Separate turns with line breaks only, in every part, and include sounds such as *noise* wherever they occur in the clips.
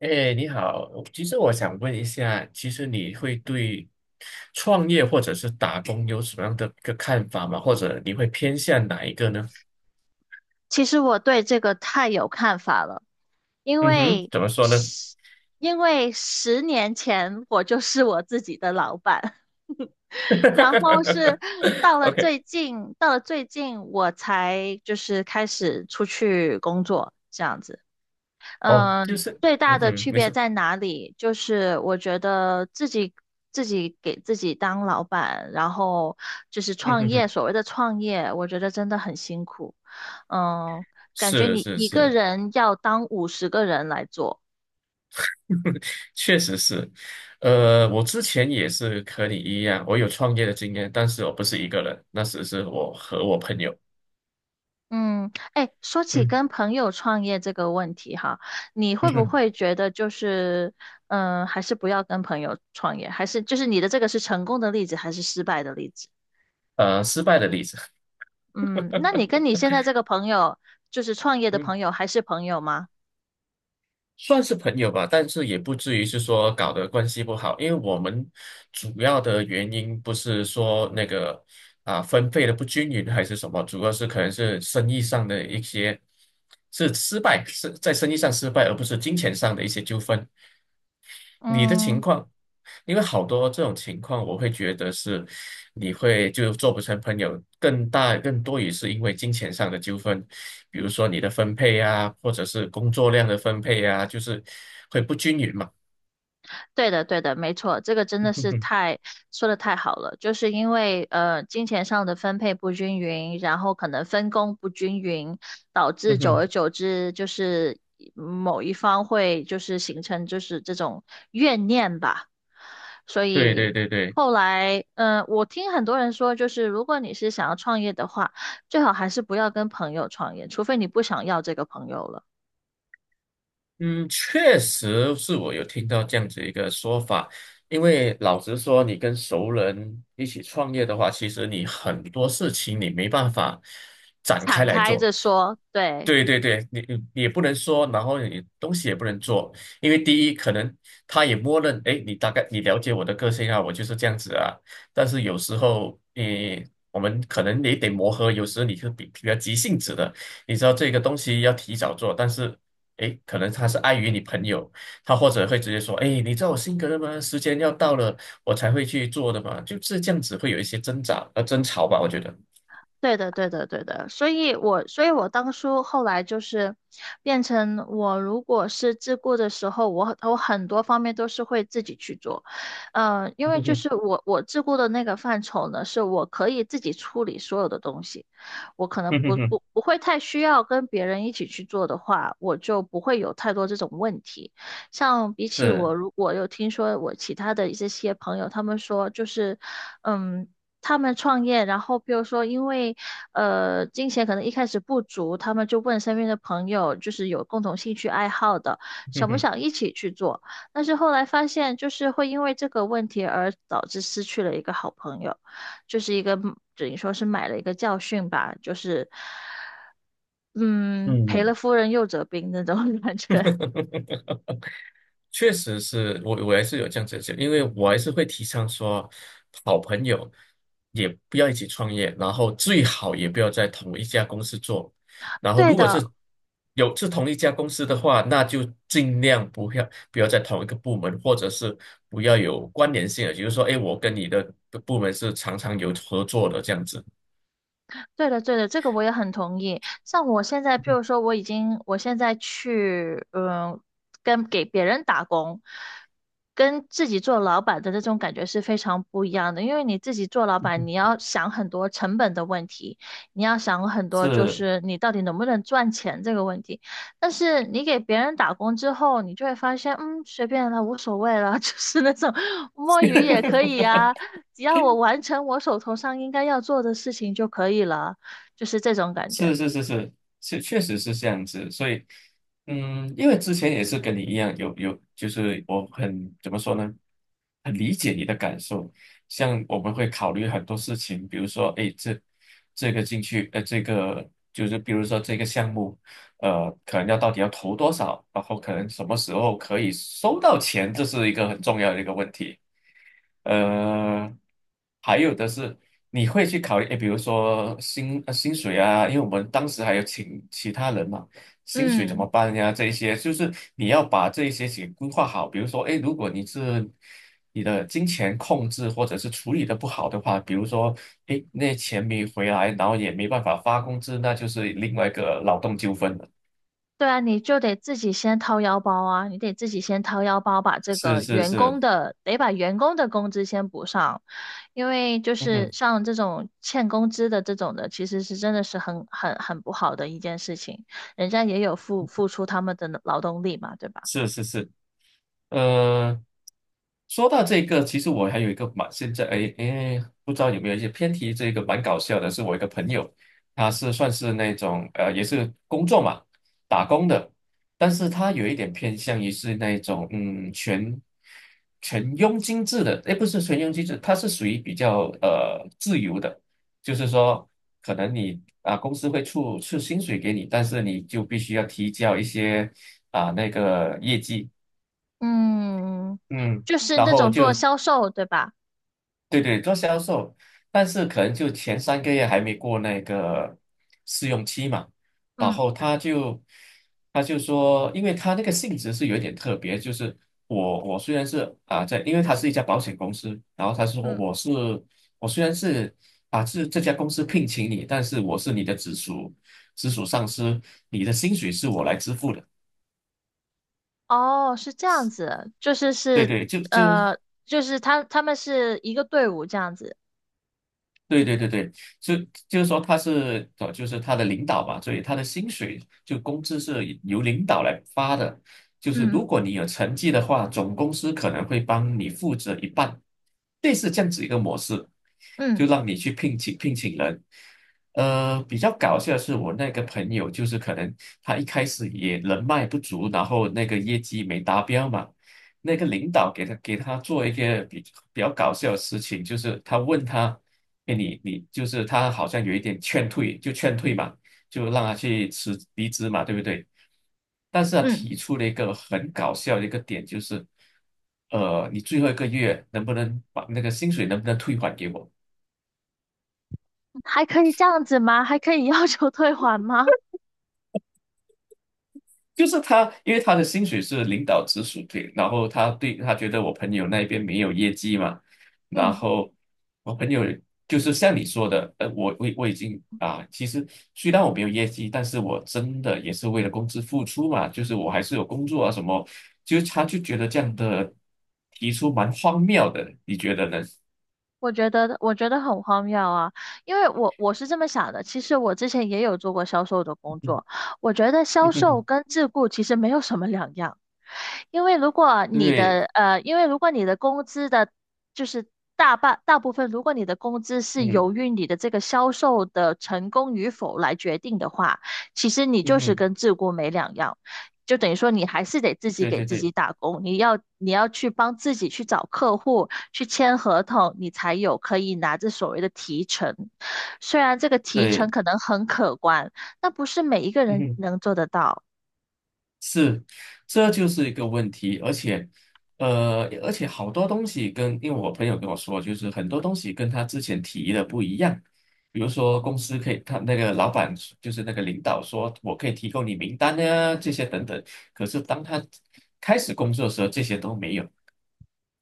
哎，你好，其实我想问一下，其实你会对创业或者是打工有什么样的一个看法吗？或者你会偏向哪一个呢？
其实我对这个太有看法了，因
嗯哼，
为
怎么说呢
十因为10年前我就是我自己的老板，*laughs* 然后
*laughs* ？OK，
到了最近我才就是开始出去工作这样子。
哦，就是，
最大
嗯
的
哼，
区
没
别
错，
在哪里？就是我觉得自己给自己当老板，然后就是
嗯
创
哼
业，
哼，
所谓的创业，我觉得真的很辛苦。嗯，感觉
是
你
是
一个
是，
人要当50个人来做。
*laughs* 确实是，我之前也是和你一样，我有创业的经验，但是我不是一个人，那时是我和我朋友，
嗯，哎，说起
嗯
跟朋友创业这个问题哈，你
嗯
会不
哼，
会觉得就是，还是不要跟朋友创业，还是就是你的这个是成功的例子还是失败的例子？
失败的例子，
嗯，那你跟你现在这个朋友，就是创业
*laughs*
的
嗯。
朋友，还是朋友吗？
算是朋友吧，但是也不至于是说搞得关系不好，因为我们主要的原因不是说那个啊分配的不均匀还是什么，主要是可能是生意上的一些是失败，是在生意上失败，而不是金钱上的一些纠纷。你的情
嗯，
况，因为好多这种情况，我会觉得是。你会就做不成朋友，更大更多也是因为金钱上的纠纷，比如说你的分配啊，或者是工作量的分配啊，就是会不均匀嘛。
对的，对的，没错，这个真的
*laughs* 嗯
是
哼，
太，说的太好了，就是因为金钱上的分配不均匀，然后可能分工不均匀，导致
嗯
久
哼，
而久之就是某一方会就是形成就是这种怨念吧。所
对对
以
对对。
后来，我听很多人说，就是如果你是想要创业的话，最好还是不要跟朋友创业，除非你不想要这个朋友了，
嗯，确实是我有听到这样子一个说法，因为老实说，你跟熟人一起创业的话，其实你很多事情你没办法展
*laughs*
开
敞
来
开
做。
着说，对。
对对对，你也不能说，然后你东西也不能做，因为第一，可能他也默认，哎，你大概你了解我的个性啊，我就是这样子啊。但是有时候，我们可能也得磨合，有时候你是比较急性子的，你知道这个东西要提早做，但是。诶，可能他是碍于你朋友，他或者会直接说，诶，你知道我性格的吗？时间要到了，我才会去做的嘛，就是这样子会有一些挣扎争吵吧，我觉得。
对的，对的，对的，所以我当初后来就是变成我，如果是自顾的时候，我很多方面都是会自己去做，嗯，因
*laughs*
为
哼
就
哼
是我自顾的那个范畴呢，是我可以自己处理所有的东西，我可能
哼哼
不
哼，
不不会太需要跟别人一起去做的话，我就不会有太多这种问题。像比起我，
是，
如果有听说我其他的一些朋友，他们说就是，嗯。他们创业，然后比如说因为金钱可能一开始不足，他们就问身边的朋友，就是有共同兴趣爱好的，
哼
想不
哼，
想一起去做？但是后来发现，就是会因为这个问题而导致失去了一个好朋友，就是一个等于说是买了一个教训吧，就是嗯赔
嗯。
了夫人又折兵那种 *laughs* 感觉。
确实是我还是有这样子的想，因为我还是会提倡说，好朋友也不要一起创业，然后最好也不要在同一家公司做。然后，
对
如果是
的，
同一家公司的话，那就尽量不要在同一个部门，或者是不要有关联性的，比如说，哎，我跟你的部门是常常有合作的这样子。
对的，对的，这个我也很同意。像我现在，譬如说，我已经，我现在去，跟给别人打工，跟自己做老板的那种感觉是非常不一样的。因为你自己做老板，你要想很多成本的问题，你要想很多就
是，
是你到底能不能赚钱这个问题。但是你给别人打工之后，你就会发现，随便了，无所谓了，*laughs* 就是那种摸鱼也可以
*laughs*
呀、只要我完成我手头上应该要做的事情就可以了，就是这种感觉。
是是是是是，确实是这样子。所以，嗯，因为之前也是跟你一样，就是我很怎么说呢，很理解你的感受。像我们会考虑很多事情，比如说，哎，这个进去，这个就是比如说这个项目，可能要到底要投多少，然后可能什么时候可以收到钱，这是一个很重要的一个问题。呃，还有的是你会去考虑，诶，比如说薪水啊，因为我们当时还有请其他人嘛，薪水怎
嗯，
么办呀？这一些就是你要把这一些给规划好。比如说，诶，如果你的金钱控制或者是处理的不好的话，比如说，诶，那钱没回来，然后也没办法发工资，那就是另外一个劳动纠纷了。
对啊，你就得自己先掏腰包啊，你得自己先掏腰包，把这
是
个
是
员
是，
工的，得把员工的工资先补上，因为就
嗯
是
哼，
像这种欠工资的这种的，其实是真的是很不好的一件事情，人家也有付出他们的劳动力嘛，对吧？
是是是。呃，说到这个，其实我还有一个蛮现在哎哎，不知道有没有一些偏题，这个蛮搞笑的，是我一个朋友，他是算是那种也是工作嘛，打工的，但是他有一点偏向于是那种全佣金制的，哎不是全佣金制，他是属于比较自由的，就是说可能你啊公司会出薪水给你，但是你就必须要提交一些啊那个业绩。
嗯，
嗯，
就是
然
那
后
种做
就
销售，对吧？
对对做销售，但是可能就前3个月还没过那个试用期嘛，然
嗯
后他就说，因为他那个性质是有点特别，就是我虽然是啊在，因为他是一家保险公司，然后他说
嗯。
我虽然是这家公司聘请你，但是我是你的直属上司，你的薪水是我来支付的。
哦，是这样子，就是
对
是
对，就
呃，就是他们是一个队伍这样子，
对对对对，是就是说他是就是他的领导嘛，所以他的薪水就工资是由领导来发的。就是
嗯
如果你有成绩的话，总公司可能会帮你负责一半，类似这样子一个模式，就
嗯
让你去聘请人。比较搞笑的是我那个朋友，就是可能他一开始也人脉不足，然后那个业绩没达标嘛，那个领导给他做一个比较搞笑的事情，就是他问他。哎，你就是他好像有一点劝退，就劝退嘛，就让他去离职嘛，对不对？但是他
嗯，
提出了一个很搞笑的一个点，就是，你最后一个月能不能把那个薪水能不能退还给我？
还可以这样子吗？还可以要求退还吗？
就是他，因为他的薪水是领导直属对，然后他觉得我朋友那边没有业绩嘛，然
嗯。
后我朋友就是像你说的，我已经啊，其实虽然我没有业绩，但是我真的也是为了公司付出嘛，就是我还是有工作啊什么，就是他就觉得这样的提出蛮荒谬的，你觉得呢？
我觉得很荒谬啊，因为我是这么想的，其实我之前也有做过销售的工
*laughs* 嗯
作，我觉得销
嗯
售
哼
跟自雇其实没有什么两样，因为如果你
对，
的呃，因为如果你的工资的，就是大部分，如果你的工资是
嗯
由于你的这个销售的成功与否来决定的话，其实你
嗯
就是
哼，
跟自雇没两样。就等于说你还是得自己
对
给
对
自己
对
打工，你要去帮自己去找客户，去签合同，你才有可以拿着所谓的提成。虽然这个提成
对，
可能很可观，但不是每一个
嗯
人
哼。
能做得到。
是，这就是一个问题，而且，好多东西跟，因为我朋友跟我说，就是很多东西跟他之前提的不一样。比如说，公司可以，他那个老板就是那个领导说，我可以提供你名单啊，这些等等。可是当他开始工作的时候，这些都没有。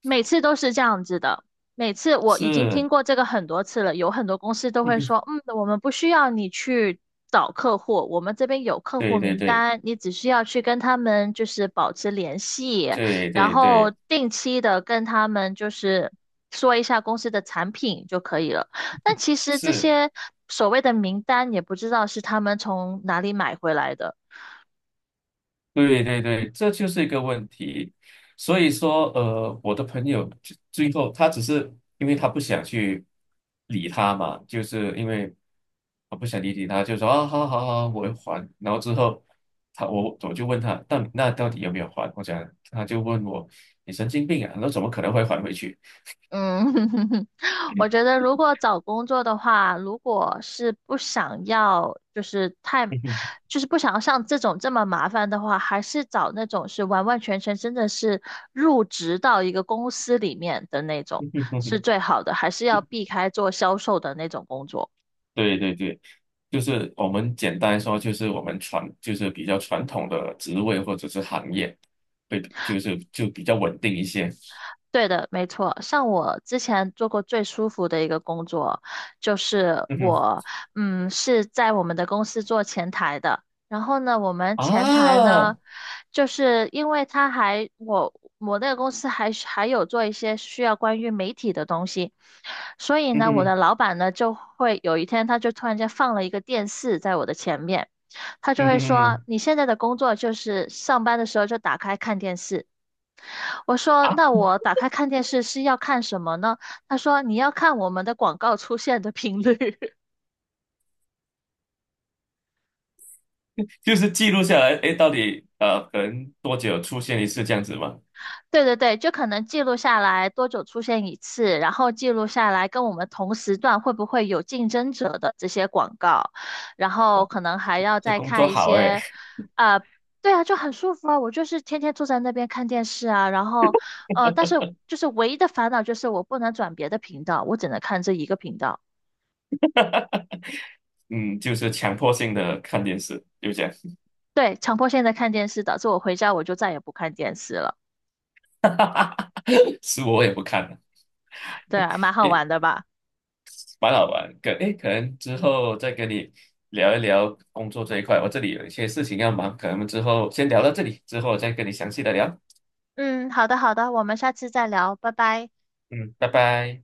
每次都是这样子的，每次我已经
是，
听过这个很多次了，有很多公司都会
*laughs*
说，我们不需要你去找客户，我们这边有客户
对对
名
对
单，你只需要去跟他们就是保持联系，
对
然
对
后
对，
定期的跟他们就是说一下公司的产品就可以了。但其实这
是。
些所谓的名单也不知道是他们从哪里买回来的。
对对对，这就是一个问题。所以说，我的朋友最后他只是因为他不想去理他嘛，就是因为我不想理他，就说啊，好好好，我会还。然后之后我就问他，到底有没有还？我讲他就问我，你神经病啊，那怎么可能会还回去？
嗯，*laughs* 我觉得如果找工作的话，如果是不想要，就是太，
*laughs*
就是不想要像这种这么麻烦的话，还是找那种是完完全全真的是入职到一个公司里面的那种是最好的，还是要避开做销售的那种工作。
对对对，就是我们简单说，就是我们就是比较传统的职位或者是行业，会就是比较稳定一些。
对的，没错。像我之前做过最舒服的一个工作，就是
嗯哼
我，是在我们的公司做前台的。然后呢，我们前台
啊，
呢，就是因为他还我我那个公司还是还有做一些需要关于媒体的东西，所以
嗯
呢，我
哼
的老板呢就会有一天他就突然间放了一个电视在我的前面，他就
嗯
会
哼嗯
说：
哼
“你现在的工作就是上班的时候就打开看电视。”我说：
啊，
“那我打开看电视是要看什么呢？”他说：“你要看我们的广告出现的频率。*laughs*”
就是记录下来，哎，到底可能多久出现一次这样子吗？
对对对，就可能记录下来多久出现一次，然后记录下来跟我们同时段会不会有竞争者的这些广告，然后
哇，
可能还要
这
再
工作
看一
好
些，
哎。
啊、对啊，就很舒服啊。我就是天天坐在那边看电视啊，然后但是就是唯一的烦恼就是我不能转别的频道，我只能看这一个频道。
*laughs* 嗯，就是强迫性的看电视，就这样，
对，强迫现在看电视，导致我回家我就再也不看电视了。
*laughs* 是我也不看。
对啊，蛮好玩的吧？
蛮好玩。诶，可能之后再跟你聊一聊工作这一块，我这里有一些事情要忙，可能之后先聊到这里，之后再跟你详细的聊。
嗯，好的好的，我们下次再聊，拜拜。
嗯，拜拜。